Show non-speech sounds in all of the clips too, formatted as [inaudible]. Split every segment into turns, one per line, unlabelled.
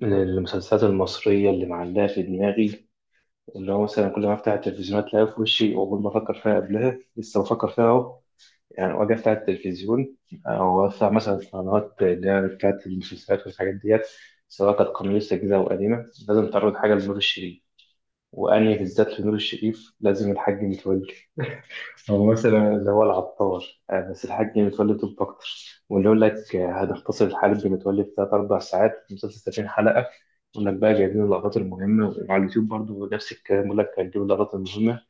من المسلسلات المصرية اللي معلقة في دماغي، اللي هو مثلا كل ما أفتح التلفزيون أتلاقيها في وشي، وأول ما أفكر فيها قبلها لسه بفكر فيها أهو. يعني وأجي أفتح التلفزيون، أو أفتح مثلا قنوات اللي هي بتاعت المسلسلات والحاجات ديت، سواء كانت قنوات جديدة أو قديمة، لازم تعرض حاجة لنور الشريف. وأنهي بالذات لنور الشريف؟ لازم الحاج متولي، الممثل اللي هو العطار. بس الحاج متولي طب أكتر. واللي يقول لك هنختصر الحرب متولي في تلات أربع ساعات في مسلسل 30 حلقة، يقول لك بقى جايبين اللقطات المهمة، وعلى اليوتيوب برضو نفس الكلام، يقول لك هنجيب اللقطات المهمة.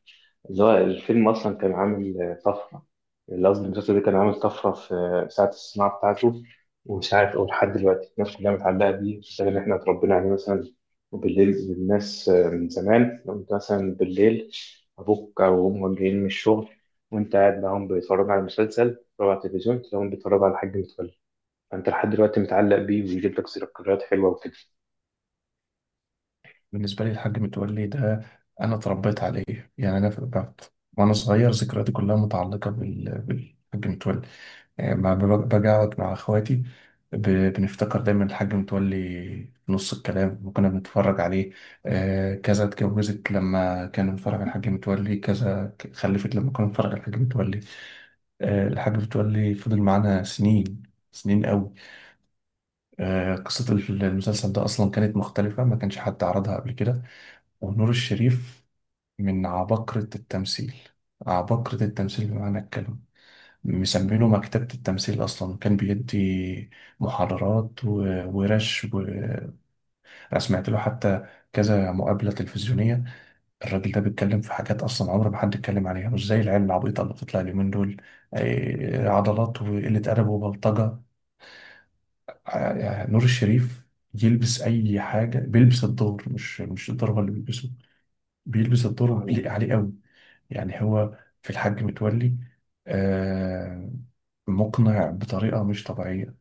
اللي هو الفيلم أصلا كان عامل طفرة، اللي قصدي المسلسل ده كان عامل طفرة في ساعة الصناعة بتاعته. ومش عارف أقول، لحد دلوقتي الناس كلها متعلقة بيه، الشغل اللي إحنا اتربينا عليه مثلا. وبالليل الناس، من زمان، لو أنت مثلا بالليل أبوك أو أمك جايين من الشغل، وأنت قاعد معاهم بيتفرجوا على مسلسل، بيتفرجوا على التلفزيون، تلاقيهم بيتفرجوا على حاج متولي. فأنت لحد دلوقتي متعلق بيه، ويجيب لك ذكريات حلوة وكده.
بالنسبة لي الحاج متولي ده أنا اتربيت عليه. أنا في بعت وأنا صغير، ذكرياتي كلها متعلقة بالحاج متولي. يعني ما ب- باجي أقعد مع إخواتي، ب... بنفتكر دايما الحاج متولي في نص الكلام وكنا بنتفرج عليه. آه، كذا اتجوزت لما كان بنتفرج على الحاج متولي، كذا خلفت لما كنا بنتفرج على الحاج متولي. آه، الحاج متولي فضل معانا سنين، سنين قوي. آه، قصة المسلسل ده أصلا كانت مختلفة، ما كانش حد عرضها قبل كده. ونور الشريف من عباقرة التمثيل، عباقرة التمثيل بمعنى الكلمة. مسمينه مكتبة التمثيل. أصلا كان بيدي محاضرات ورش، وأنا سمعت له حتى كذا مقابلة تلفزيونية. الراجل ده بيتكلم في حاجات أصلا عمر ما حد اتكلم عليها، مش زي العيال العبيطة اللي بتطلع اليومين دول. آه، عضلات وقلة أدب وبلطجة. آه، يعني نور الشريف يلبس أي حاجة، بيلبس الدور، مش الدور هو اللي بيلبسه، بيلبس الدور وبيليق عليه قوي. يعني هو في الحاج متولي، آه، مقنع بطريقة مش طبيعية.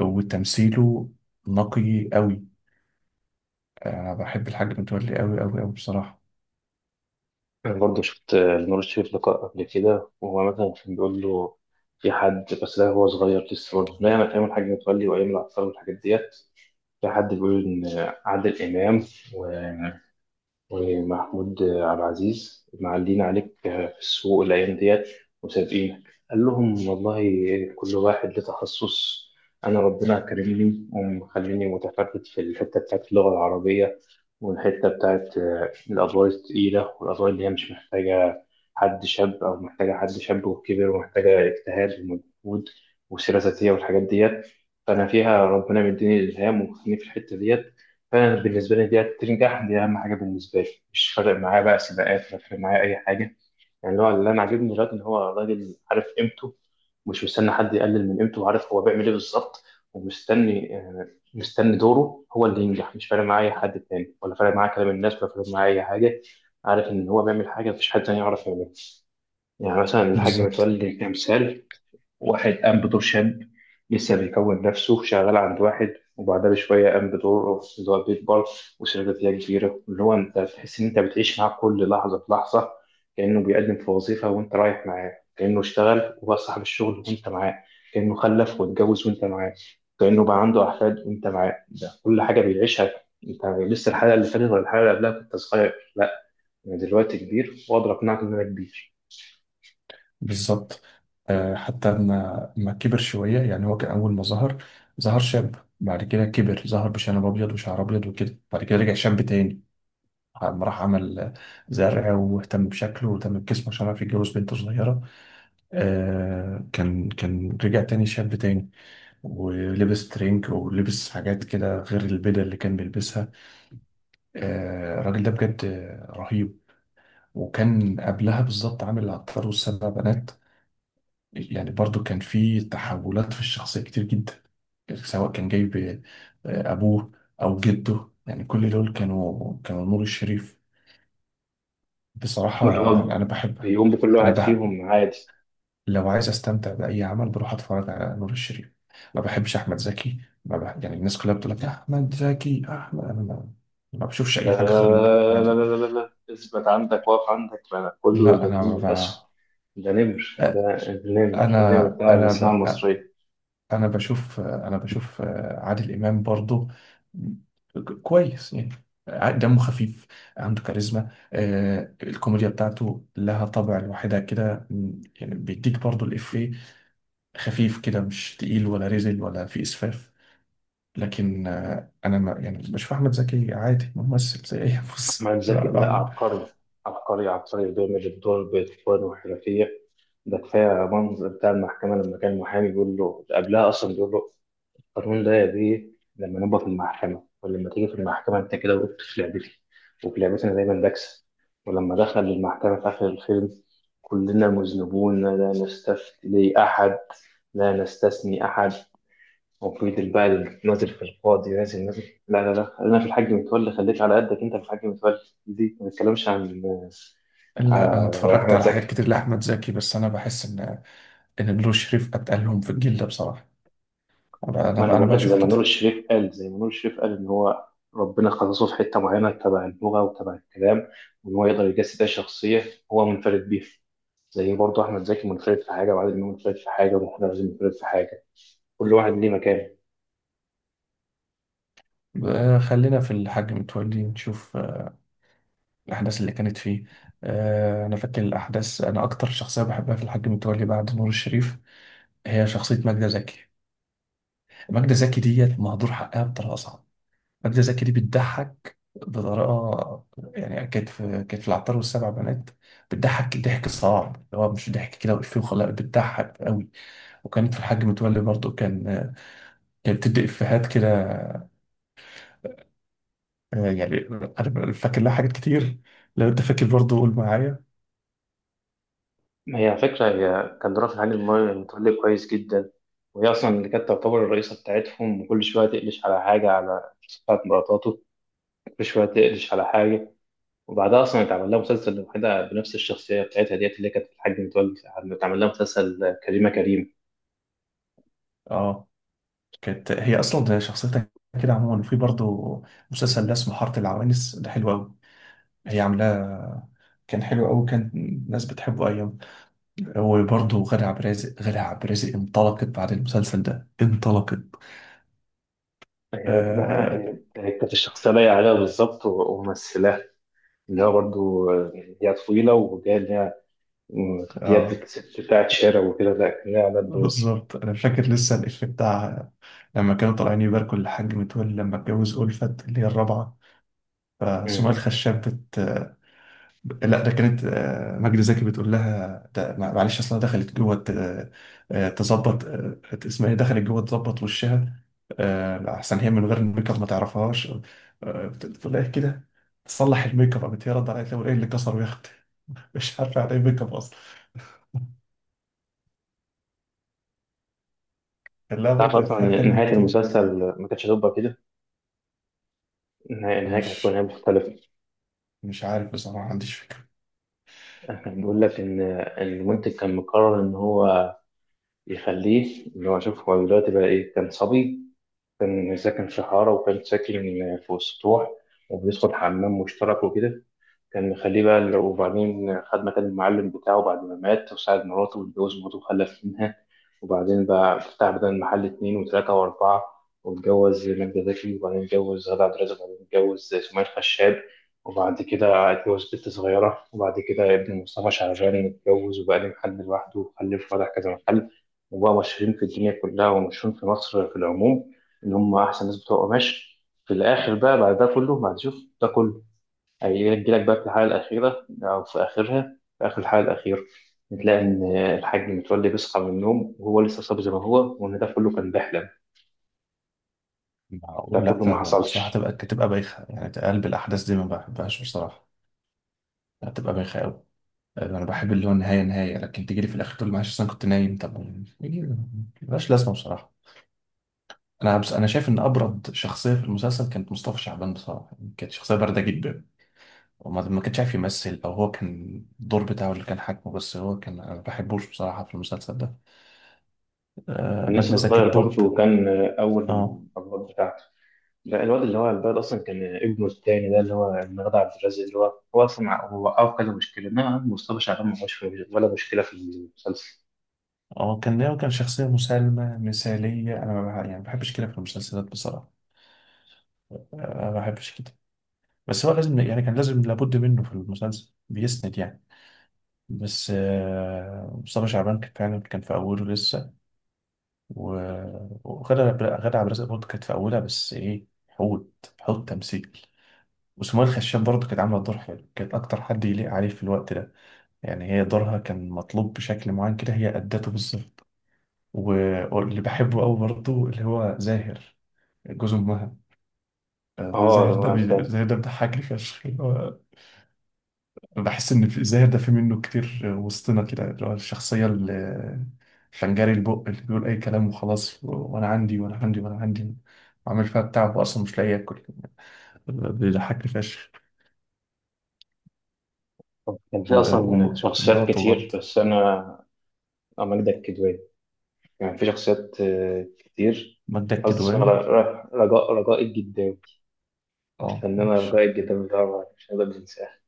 وتمثيله نقي قوي. أنا بحب الحاج متولي قوي قوي قوي بصراحة.
أنا برضه شفت نور الشريف لقاء قبل كده، وهو مثلا كان بيقول له، في حد، بس ده هو صغير لسه برضه نايم أيام الحاج متولي وأيام العطار والحاجات ديت، في حد بيقول إن عادل إمام و ومحمود عبد العزيز معلين عليك في السوق الأيام ديت وسابقينك. قال لهم والله كل واحد له تخصص. أنا ربنا كرمني ومخليني متفرد في الحتة بتاعت اللغة العربية، والحتة بتاعت الأدوار التقيلة، والأدوار اللي هي مش محتاجة حد شاب، أو محتاجة حد شاب وكبر، ومحتاجة اجتهاد ومجهود وسيرة ذاتية والحاجات ديت. فأنا فيها ربنا مديني إلهام ومخليني في الحتة ديت. فانا بالنسبه لي دي تنجح، دي اهم حاجه بالنسبه لي. مش فارق معايا بقى سباقات، ولا فارق معايا اي حاجه. يعني اللي هو اللي انا عاجبني دلوقتي ان هو راجل عارف قيمته، مش مستني حد يقلل من قيمته، وعارف هو بيعمل ايه بالظبط. ومستني آه، مستني دوره هو اللي ينجح. مش فارق معايا اي حد تاني، ولا فارق معايا كلام الناس، ولا فارق معايا اي حاجه. عارف ان هو بيعمل حاجه مفيش حد تاني يعرف يعملها. يعني مثلا الحاج
بالظبط.
متولي كمثال، واحد قام بدور شاب لسه بيكون نفسه شغال عند واحد، وبعدها بشوية قام بدور اللي هو بيكبر وشركة اللي هي كبيرة، اللي هو أنت بتحس إن أنت بتعيش معاه كل لحظة في لحظة. كأنه بيقدم في وظيفة وأنت رايح معاه، كأنه اشتغل وهو صاحب الشغل وأنت معاه، كأنه خلف واتجوز وأنت معاه، كأنه بقى عنده أحفاد وأنت معاه. كل حاجة بيعيشها. أنت لسه الحلقة اللي فاتت ولا الحلقة اللي قبلها كنت صغير، لا، أنا دلوقتي كبير وأقدر أقنعك إن أنا كبير.
بالظبط. آه، حتى لما ما كبر شوية. يعني هو كان أول ما ظهر، ظهر شاب. بعد كده كبر، ظهر بشنب أبيض وشعر أبيض وكده. بعد كده رجع شاب تاني لما راح عمل زرع واهتم بشكله واهتم بجسمه عشان يعرف يتجوز بنت صغيرة. آه، كان رجع تاني شاب تاني ولبس ترنك ولبس حاجات كده غير البدل اللي كان بيلبسها. آه، الراجل ده بجد رهيب. وكان قبلها بالظبط عامل العطار والسبع بنات. يعني برضو كان في تحولات في الشخصية كتير جدا، سواء كان جايب آه، أبوه أو جده. يعني كل دول كانوا نور الشريف.
واللي
بصراحة يعني
هو
أنا بحب.
بيقوم بكل
أنا
واحد
بح
فيهم عادي.
لو عايز استمتع باي عمل، بروح اتفرج على نور الشريف. ما بحبش احمد زكي. ما بح... يعني الناس كلها بتقول لك احمد زكي احمد، انا ما, ما بشوفش
لا
اي
لا
حاجه غير نور،
لا لا
عادي.
لا لا لا لا لا. اثبت عندك، واقف عندك. ما أنا كله
لا،
إلا
انا ما
النيم الأسود. ده نمر،
ب...
ده النمر النمر
انا
بتاع
انا
الصناعة
ب...
المصرية.
انا بشوف انا بشوف عادل امام برضو كويس يعني. دمه خفيف، عنده كاريزما. آه، الكوميديا بتاعته لها طابع لوحدها كده. يعني بيديك برضو الإفيه، خفيف كده، مش تقيل ولا رزل ولا في إسفاف. لكن آه، انا ما يعني بشوف احمد زكي عادي، ممثل زي اي [laughs] بص.
أحمد زكي؟ لا، عبقري، عبقري عبقري. بيعمل الدور بإتقان وحرفية. ده كفاية منظر بتاع المحكمة لما كان محامي بيقول له، قبلها أصلا بيقول له: القانون ده يا بيه، لما نبقى في المحكمة، ولما تيجي في المحكمة أنت كده وقفت في لعبتي، وفي لعبتي أنا دايما بكسب. ولما دخل المحكمة في آخر الفيلم: كلنا مذنبون، لا نستثني أحد، لا نستثني أحد. وفي البال نازل، في القاضي نازل نازل. لا لا لا، خلينا في الحاج متولي، خليك على قدك أنت في الحاج متولي. دي ما بنتكلمش عن
لا، انا
عن
اتفرجت
أحمد
على حاجات
زكي.
كتير لاحمد زكي، بس انا بحس ان نور شريف اتقلهم في الجيل ده بصراحه. انا
ما انا
انا أنا
بقول لك، زي
بشوف
ما
كده.
نور الشريف قال زي ما نور الشريف قال ان هو ربنا خصصه في حته معينه تبع اللغه وتبع الكلام، وان هو يقدر يجسد اي شخصيه هو منفرد بيها. زي برضه احمد زكي منفرد في حاجه، وعادل امام منفرد في حاجه، ومحمد عزيز منفرد في حاجه. كل واحد ليه مكانه.
آه، خلينا في الحاج متولي، نشوف آه، الاحداث اللي كانت فيه. آه، انا فاكر الاحداث. انا اكتر شخصيه بحبها في الحاج متولي بعد نور الشريف هي شخصيه ماجده زكي. ماجده زكي ديت مهدور حقها بطريقه صعبه. ماجدة زكي دي بتضحك بطريقة، يعني كانت في، كانت في العطار والسبع بنات بتضحك ضحك صعب اللي هو مش ضحك كده وإفيه وخلاص، بتضحك قوي. وكانت في الحاج متولي برضه كان، كانت بتدي إفيهات كده. آه، يعني أنا فاكر لها حاجات كتير. لو أنت فاكر برضه قول معايا.
ما هي على فكره، هي كان رافع علي المايو متولي كويس جدا. وهي اصلا اللي كانت تعتبر الرئيسه بتاعتهم، وكل شويه تقلش على حاجه، على بتاعت مراتاته، كل شويه تقلش على حاجه. وبعدها اصلا اتعمل لها مسلسل لوحدها بنفس الشخصيه بتاعتها ديت اللي كانت الحاج متولي. اتعمل لها مسلسل كريمه كريم.
أه، كانت هي أصلا ده شخصيتها كده عموما. وفي برضه مسلسل ده اسمه حارة العوانس، ده حلو قوي، هي عاملاه. كان حلو قوي، كان الناس بتحبه أيام. وبرضه غادة عبد الرازق، غادة عبد الرازق انطلقت بعد المسلسل ده، انطلقت. آه.
هي كانت الشخصيه لايقه عليها بالظبط، وممثلاها اللي هو برضه. هي طويله وجايه، اللي هي
آه،
ديت ست بتاعت شارع وكده، لا، كان ليها على الدور.
بالظبط أنا فاكر لسه الإفيه بتاع لما كانوا طالعين يباركوا للحاج متولي لما اتجوز ألفت اللي هي الرابعة. فسمية
مم.
الخشاب بت، لا ده كانت آه، مجدي زكي بتقول لها ده معلش اصلها دخلت جوه آه، تظبط، آه، اسمها ايه، دخلت جوه تظبط وشها. آه، احسن هي من غير الميك اب ما تعرفهاش. آه، بتقول لها إيه كده، تصلح الميك اب. قامت هي رد عليها تقول ايه اللي كسره يا اختي. [laughs] مش عارفه يعني ايه ميك اب اصلا. كان لها
تعرف
برضه
اصلا
افيهات
ان
تانية
نهايه
كتير.
المسلسل ما كانتش هتبقى كده؟ النهايه،
انا
النهاية كانت هتكون
مش
نهايه مختلفه.
مش عارف بصراحه، ما عنديش فكره.
كان بيقول لك إن المنتج كان مقرر ان هو يخليه اللي هو، شوف هو دلوقتي بقى ايه. كان صبي، كان ساكن في حارة، وكان ساكن في سطوح، وبيدخل حمام مشترك وكده. كان مخليه بقى وبعدين خد مكان المعلم بتاعه بعد ما مات، وساعد مراته واتجوز مراته وخلف منها. وبعدين بقى فتح بدل المحل اتنين وتلاتة وأربعة، واتجوز ماجدة زكي، وبعدين اتجوز غادة عبد الرازق، وبعدين اتجوز سمية خشاب. وبعد كده اتجوز بنت صغيرة، وبعد كده ابن مصطفى شعبان اتجوز وبقى ليه محل لوحده وخلف فتح كذا محل. وبقى مشهورين في الدنيا كلها، ومشهورين في مصر في العموم، إن هم أحسن ناس بتوع قماش. في الآخر بقى، بعد ده كله، بعد شوف ده كله، هيجي لك بقى في الحالة الأخيرة، أو في آخرها، في آخر الحالة الأخيرة بتلاقي إن الحاج متولي بيصحى من النوم وهو لسه صاب زي ما هو، وإن ده كله كان بيحلم. ده
معقول؟ لا
كله
ده
ما
بصراحه
حصلش.
تبقى، بايخه. يعني تقلب الاحداث دي ما بحبهاش بصراحه. هتبقى بايخه قوي. انا بحب اللي هو النهايه نهايه، لكن تجي لي في الاخر تقول لي معلش أصل انا كنت نايم؟ طب يعني ملهاش لازمه بصراحه. انا شايف ان ابرد شخصيه في المسلسل كانت مصطفى شعبان بصراحه. يعني كانت شخصيه بارده جدا، وما ما كانش عارف يمثل، او هو كان الدور بتاعه اللي كان حاكمه. بس هو كان، انا ما بحبوش بصراحه في المسلسل ده. آه،
كان
ماجدة
لسه
زكي
صغير
الطب.
برضه، وكان أول
اه.
الأبواب بتاعته. لا، الواد اللي هو على البال أصلا كان ابنه التاني، ده اللي هو المغدى عبد الرازق، اللي هو أصلا هو أو كذا مشكلة. إنما مصطفى شعبان ما هوش ولا مشكلة في المسلسل.
اه، كان هو كان شخصيه مسالمه مثاليه، انا ما بح- يعني ما بحبش كده في المسلسلات بصراحه. آه، ما بحبش كده. بس هو لازم، يعني كان لازم لابد منه في المسلسل، بيسند يعني. بس آه، مصطفى شعبان كان فعلا كان في أوله لسه. و- وغادة، غادة عبد الرازق برضه كانت في أولها، بس إيه، حوت تمثيل. وسمية الخشاب برضه كانت عاملة دور حلو، كانت أكتر حد يليق عليه في الوقت ده. يعني هي دورها كان مطلوب بشكل معين كده، هي أدته بالظبط. واللي بحبه أوي برضه اللي هو زاهر، جوز أمها. آه، ده
أه،
زاهر ده
هو التاني.
زاهر ده بيضحكني فشخ. بحس ان في الزاهر ده في منه كتير وسطنا كده، اللي هو الشخصيه اللي الفنجاري البق اللي بيقول اي كلام وخلاص، وانا عندي وانا عندي وانا عندي، وعامل فيها بتاع واصلا مش لاقي ياكل. بيضحكني فشخ.
كان في أصلا شخصيات
ومراته
كتير،
برضه،
بس أنا، أمجد الكدواني. كان في شخصيات كتير.
مدة
قصدي اسمها
الكدواني.
رجاء الجداوي،
اه،
الفنانة
ماشي.
رجاء الجداوي طبعا مش هنقدر ننساها.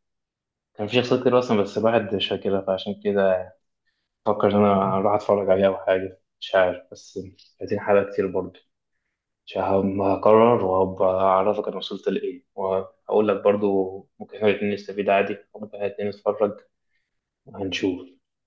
كان في شخصيات كتير أصلا، بس الواحد مش فاكرها. فعشان كده، فكر إن أنا أروح أتفرج عليها أو حاجة مش عارف، بس 30 حلقة كتير برضه. مش هم- هقرر وهبقى أعرفك أنا وصلت لإيه، وهقول لك برضه. ممكن إحنا الاتنين نستفيد عادي، وممكن إحنا الاتنين نتفرج، وهنشوف.